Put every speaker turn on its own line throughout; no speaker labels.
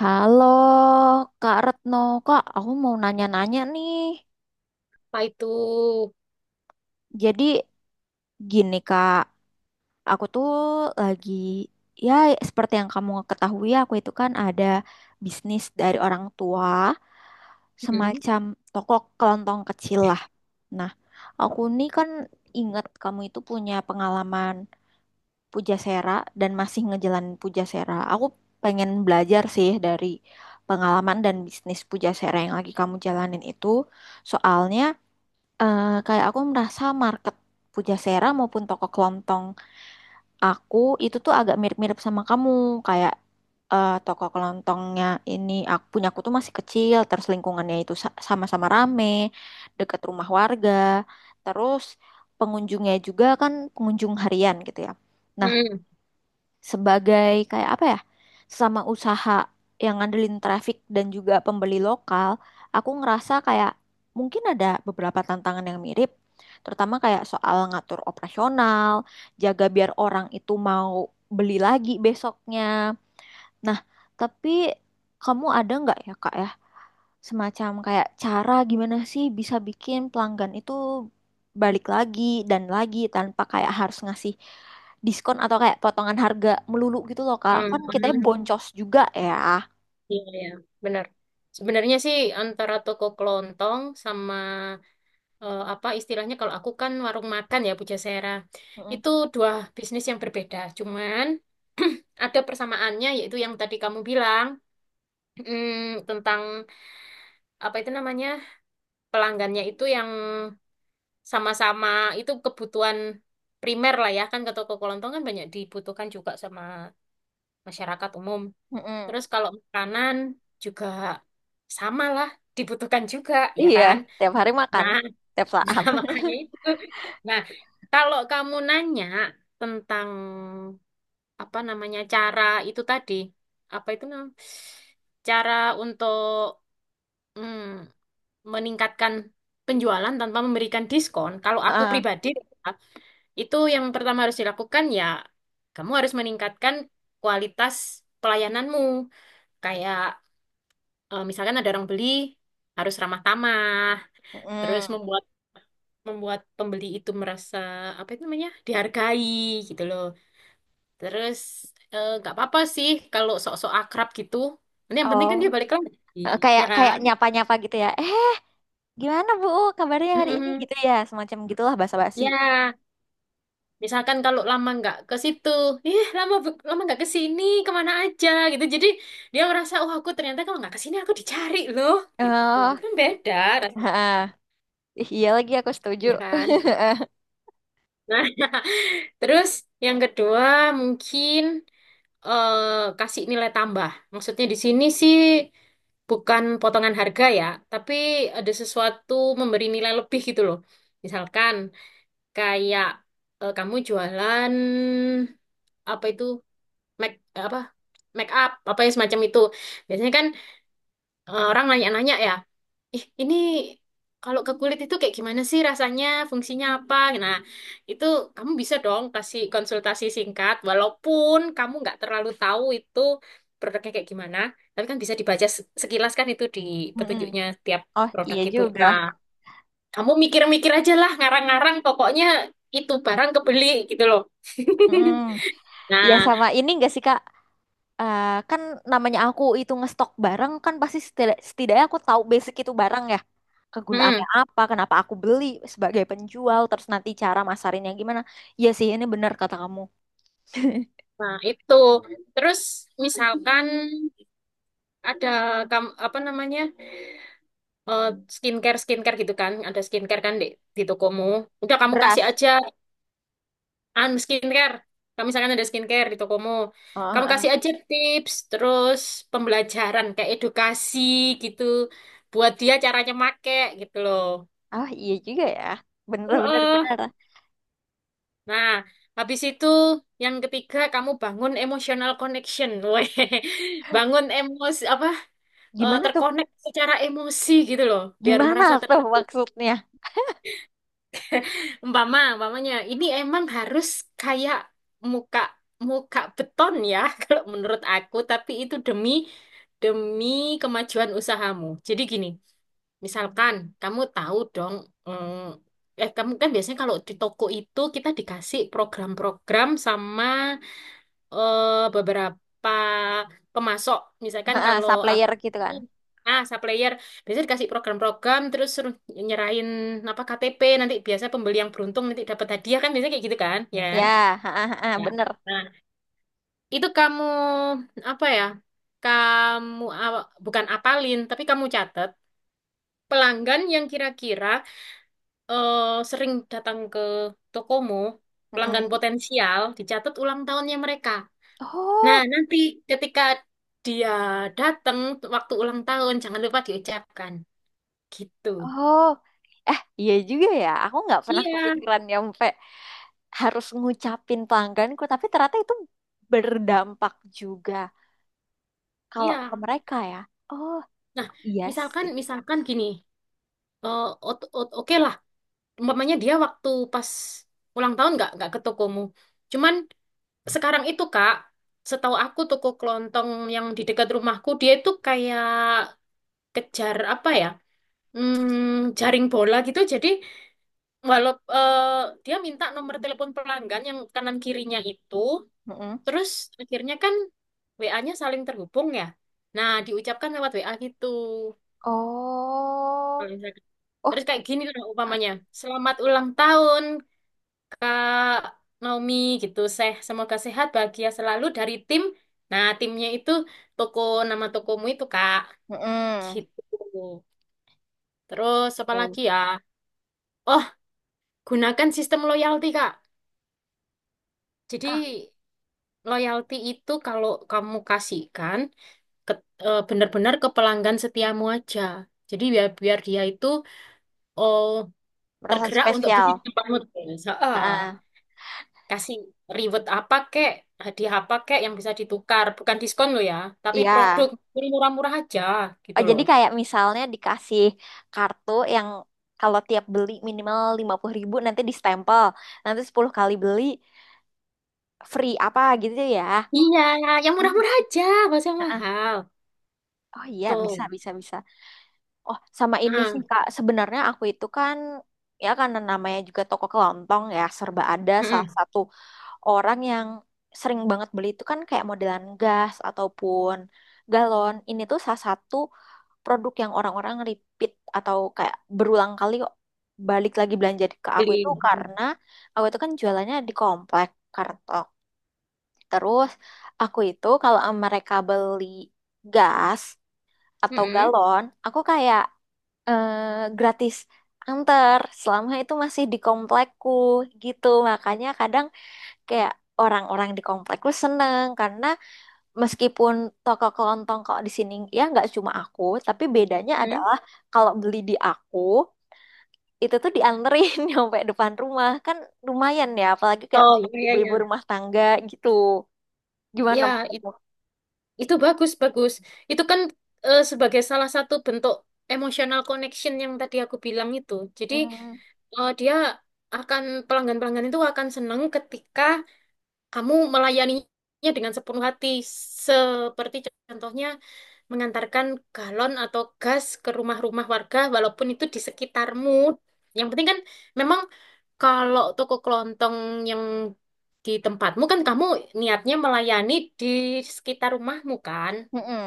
Halo, Kak Retno. Kak, aku mau nanya-nanya nih.
Apa itu?
Jadi gini, Kak. Aku tuh lagi, ya seperti yang kamu ketahui, aku itu kan ada bisnis dari orang tua,
Hmm.
semacam toko kelontong kecil lah. Nah, aku nih kan ingat kamu itu punya pengalaman Pujasera dan masih ngejalanin Pujasera. Aku pengen belajar sih dari pengalaman dan bisnis Pujasera yang lagi kamu jalanin itu. Soalnya kayak aku merasa market Pujasera maupun toko kelontong aku itu tuh agak mirip-mirip sama kamu. Kayak toko kelontongnya ini aku punya aku tuh masih kecil, terus lingkungannya itu sama-sama rame, dekat rumah warga, terus pengunjungnya juga kan pengunjung harian gitu ya. Nah,
Hmm.
sebagai kayak apa ya, sesama usaha yang ngandelin traffic dan juga pembeli lokal, aku ngerasa kayak mungkin ada beberapa tantangan yang mirip, terutama kayak soal ngatur operasional, jaga biar orang itu mau beli lagi besoknya. Nah tapi, kamu ada nggak ya kak ya, semacam kayak cara gimana sih bisa bikin pelanggan itu balik lagi dan lagi tanpa kayak harus ngasih diskon atau kayak potongan harga melulu gitu loh Kak.
Hmm.
Kan kita
Hmm.
Boncos juga ya.
Iya, iya. Benar. Sebenarnya sih antara toko kelontong sama apa istilahnya kalau aku kan warung makan ya Pujasera.
Mm-mm.
Itu dua bisnis yang berbeda. Cuman ada persamaannya yaitu yang tadi kamu bilang tentang apa itu namanya pelanggannya itu yang sama-sama itu kebutuhan primer lah ya kan, ke toko kelontong kan banyak dibutuhkan juga sama masyarakat umum.
Mm-mm.
Terus kalau makanan juga sama lah, dibutuhkan juga, ya
Iya,
kan?
tiap hari makan,
Nah,
tiap saat.
nah makanya itu. Nah, kalau kamu nanya tentang apa namanya cara itu tadi, apa itu namanya? Cara untuk mm, meningkatkan penjualan tanpa memberikan diskon. Kalau aku
Ah,
pribadi, itu yang pertama harus dilakukan ya, kamu harus meningkatkan kualitas pelayananmu. Kayak misalkan ada orang beli harus ramah tamah, terus
mm-mm.
membuat membuat pembeli itu merasa apa itu namanya dihargai gitu loh. Terus nggak apa-apa sih kalau sok-sok akrab gitu. Nanti yang penting
Oh,
kan dia balik lagi,
eh, kayak
ya
kayak
kan?
nyapa-nyapa gitu ya. Eh, gimana Bu? Kabarnya hari ini
Mm-mm.
gitu ya, semacam gitulah basa-basi.
Ya, misalkan kalau lama nggak ke situ, ih lama nggak ke sini, kemana aja gitu. Jadi dia merasa, oh aku ternyata kalau nggak ke sini aku dicari loh, gitu.
Oh,
Itu kan beda rasanya,
ah, iya lagi aku setuju.
ya kan? Nah. Terus yang kedua mungkin kasih nilai tambah. Maksudnya di sini sih bukan potongan harga ya, tapi ada sesuatu memberi nilai lebih gitu loh. Misalkan kayak kamu jualan apa itu make apa make up apa ya semacam itu. Biasanya kan orang nanya-nanya ya ih ini kalau ke kulit itu kayak gimana sih rasanya, fungsinya apa? Nah, itu kamu bisa dong kasih konsultasi singkat, walaupun kamu nggak terlalu tahu itu produknya kayak gimana, tapi kan bisa dibaca sekilas kan itu di
Mm-mm.
petunjuknya tiap
Oh
produk
iya gitu
itu.
juga.
Nah, kamu mikir-mikir aja lah, ngarang-ngarang, pokoknya itu barang kebeli gitu loh.
Mm. Ya
Nah,
sama ini enggak sih Kak? Eh, kan namanya aku itu ngestok barang kan pasti setidaknya aku tahu basic itu barang ya. Kegunaannya
mm,
apa, kenapa aku beli sebagai penjual, terus nanti cara masarinnya gimana. Iya sih ini benar kata kamu.
nah itu. Terus misalkan ada apa namanya? eh, skincare skincare gitu kan ada skincare kan di tokomu udah kamu kasih
Beras.
aja an skincare, kamu misalkan ada skincare di tokomu
Oh,
kamu
oh, oh.
kasih aja tips terus pembelajaran kayak edukasi gitu buat dia caranya make gitu loh.
Oh, iya juga ya. Bener bener
Heeh.
bener.
Nah habis itu yang ketiga kamu bangun emotional connection. Weh, bangun emosi apa,
Gimana tuh?
terkonek secara emosi gitu loh biar
Gimana
merasa.
tuh maksudnya?
Umpamanya ini emang harus kayak muka muka beton ya, kalau menurut aku, tapi itu demi demi kemajuan usahamu. Jadi gini, misalkan kamu tahu dong, kamu kan biasanya kalau di toko itu kita dikasih program-program sama beberapa pemasok. Misalkan
Ha,
kalau aku,
supplier gitu kan.
ah, supplier biasanya dikasih program-program terus suruh nyerahin apa KTP, nanti biasa pembeli yang beruntung nanti dapat hadiah kan biasanya kayak gitu kan, ya
Ya,
kan?
ha, ha, ha,
Ya.
bener.
Nah, itu kamu apa ya? Kamu bukan apalin tapi kamu catat pelanggan yang kira-kira eh, sering datang ke tokomu, pelanggan
Mm-mm.
potensial, dicatat ulang tahunnya mereka. Nah,
Oh.
nanti ketika dia datang waktu ulang tahun, jangan lupa diucapkan. Gitu.
Oh, eh iya juga ya. Aku nggak pernah
Iya,
kepikiran nyampe harus ngucapin pelangganku, tapi ternyata itu berdampak juga kalau ke
iya.
mereka ya. Oh,
Nah,
iya
misalkan,
sih.
misalkan gini, eh, oke lah, umpamanya dia waktu pas ulang tahun nggak ke tokomu. Cuman sekarang itu Kak, setahu aku toko kelontong yang di dekat rumahku dia itu kayak kejar apa ya? Hmm, jaring bola gitu. Jadi walau dia minta nomor telepon pelanggan yang kanan kirinya itu.
Mm-mm.
Terus akhirnya kan WA-nya saling terhubung ya. Nah, diucapkan lewat WA gitu. Kalau
Oh,
misalkan,
oh,
terus kayak gini lah umpamanya. Selamat ulang tahun Kak Naomi gitu. Seh, semoga sehat, bahagia selalu dari tim. Nah, timnya itu toko, nama tokomu itu Kak,
mm.
gitu. Terus apa lagi ya? Oh, gunakan sistem loyalty Kak. Jadi
Ah,
loyalty itu kalau kamu kasihkan ke, benar-benar ke pelanggan setiamu aja. Jadi biar biar dia itu oh,
merasa
tergerak untuk beli
spesial.
di tempatmu terus. Heeh.
Ah,
Kasih reward apa kek, hadiah apa kek yang bisa ditukar, bukan diskon lo ya, tapi produk.
iya.
Yang murah-murah aja gitu
Oh, jadi
loh.
kayak misalnya dikasih kartu yang kalau tiap beli minimal 50.000 nanti distempel. Nanti 10 kali beli free apa gitu ya.
Iya, yang murah-murah
Hmm.
aja, gak usah yang
Ah,
mahal.
oh iya bisa
Tuh.
bisa bisa. Oh sama ini sih
Nah,
Kak, sebenarnya aku itu kan, ya karena namanya juga toko kelontong ya serba ada, salah
mm-mm.
satu orang yang sering banget beli itu kan kayak modelan gas ataupun galon. Ini tuh salah satu produk yang orang-orang repeat atau kayak berulang kali balik lagi belanja ke aku itu
Beli.
karena aku itu kan jualannya di komplek Kartok. Terus aku itu kalau mereka beli gas atau
Mm-mm.
galon, aku kayak gratis antar selama itu masih di komplekku gitu. Makanya kadang kayak orang-orang di komplekku seneng karena meskipun toko kelontong kok di sini ya nggak cuma aku, tapi bedanya
Mm-mm.
adalah kalau beli di aku itu tuh dianterin nyampe depan rumah kan lumayan ya, apalagi kayak
Oh
mungkin
iya iya iya.
ibu-ibu rumah tangga gitu. Gimana
Ya,
menurutmu?
itu bagus, bagus. Itu kan sebagai salah satu bentuk emotional connection yang tadi aku bilang itu. Jadi
Hmm,
eh, dia akan pelanggan-pelanggan itu akan senang ketika kamu melayaninya dengan sepenuh hati, seperti contohnya mengantarkan galon atau gas ke rumah-rumah warga, walaupun itu di sekitarmu. Yang penting kan memang kalau toko kelontong yang di tempatmu kan kamu niatnya melayani di sekitar rumahmu kan.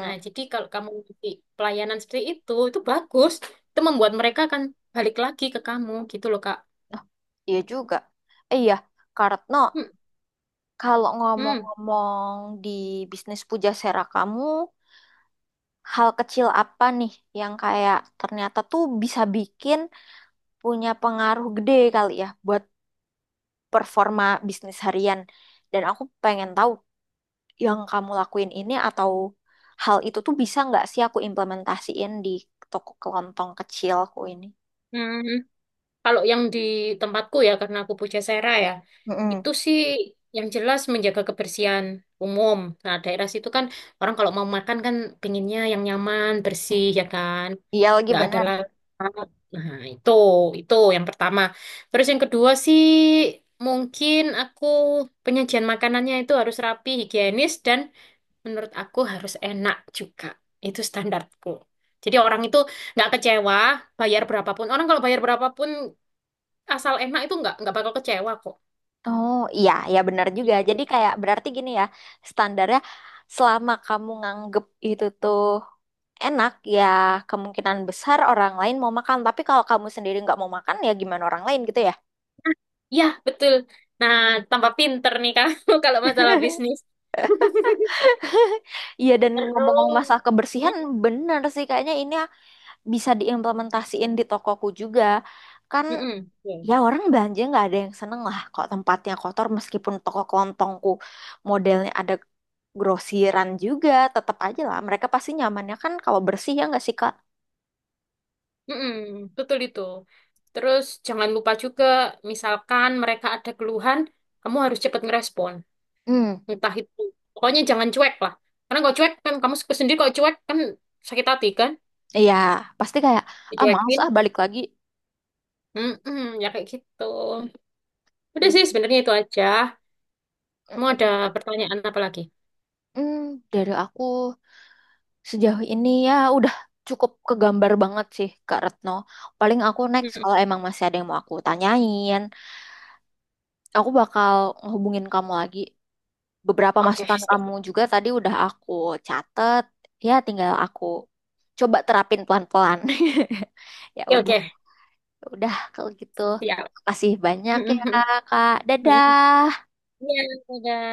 Nah, jadi kalau kamu ngasih pelayanan seperti itu bagus. Itu membuat mereka akan balik lagi ke kamu gitu loh, Kak.
Oh, iya juga. Eh, iya, Kartno.
Hmm,
Kalau
hmm,
ngomong-ngomong di bisnis pujasera kamu, hal kecil apa nih yang kayak ternyata tuh bisa bikin punya pengaruh gede kali ya buat performa bisnis harian? Dan aku pengen tahu yang kamu lakuin ini atau hal itu tuh bisa nggak sih aku implementasiin di toko kelontong kecilku ini?
hmm. Kalau yang di tempatku ya, karena aku Pujasera ya,
Mm-mm.
itu sih yang jelas menjaga kebersihan umum. Nah, daerah situ kan orang kalau mau makan kan pinginnya yang nyaman, bersih ya kan,
Iya lagi
nggak ada
bener.
lah. Nah, itu yang pertama. Terus yang kedua sih mungkin aku penyajian makanannya itu harus rapi, higienis dan menurut aku harus enak juga. Itu standarku. Jadi orang itu nggak kecewa bayar berapapun. Orang kalau bayar berapapun asal enak itu nggak bakal kecewa kok.
Oh iya, ya benar juga. Jadi kayak berarti gini ya, standarnya selama kamu nganggep itu tuh enak, ya kemungkinan besar orang lain mau makan. Tapi kalau kamu sendiri nggak mau makan, ya gimana orang lain gitu ya.
Ya betul. Nah, tambah pinter nih kamu kalau masalah bisnis.
Iya, dan ngomong-ngomong
Terus,
masalah kebersihan, benar sih kayaknya ini bisa diimplementasiin di tokoku juga. Kan
mm-mm. Iya.
ya orang belanja nggak ada yang seneng lah kok tempatnya kotor, meskipun toko kelontongku modelnya ada grosiran juga tetap aja lah mereka pasti nyamannya kan kalau bersih ya nggak sih Kak?
Mm-mm, betul itu. Terus jangan lupa juga, misalkan mereka ada keluhan, kamu harus cepat ngerespon.
Hmm,
Entah itu, pokoknya jangan cuek lah. Karena kalau cuek kan kamu sendiri kalau cuek kan sakit hati kan,
iya pasti kayak ah males
dicuekin.
ah balik lagi.
Mm-mm, ya kayak gitu. Udah sih
Hmm,
sebenarnya itu aja.
mm,
Mau ada
mm,
pertanyaan apa lagi?
mm. Dari aku sejauh ini ya udah cukup kegambar banget sih Kak Retno. Paling aku next kalau emang masih ada yang mau aku tanyain, aku bakal ngehubungin kamu lagi. Beberapa
Oke,
masukan
siap.
kamu juga tadi udah aku catet, ya tinggal aku coba terapin pelan-pelan. Ya udah,
Oke,
ya udah kalau gitu.
siap.
Makasih banyak ya, Kak. Dadah.
Iya, udah.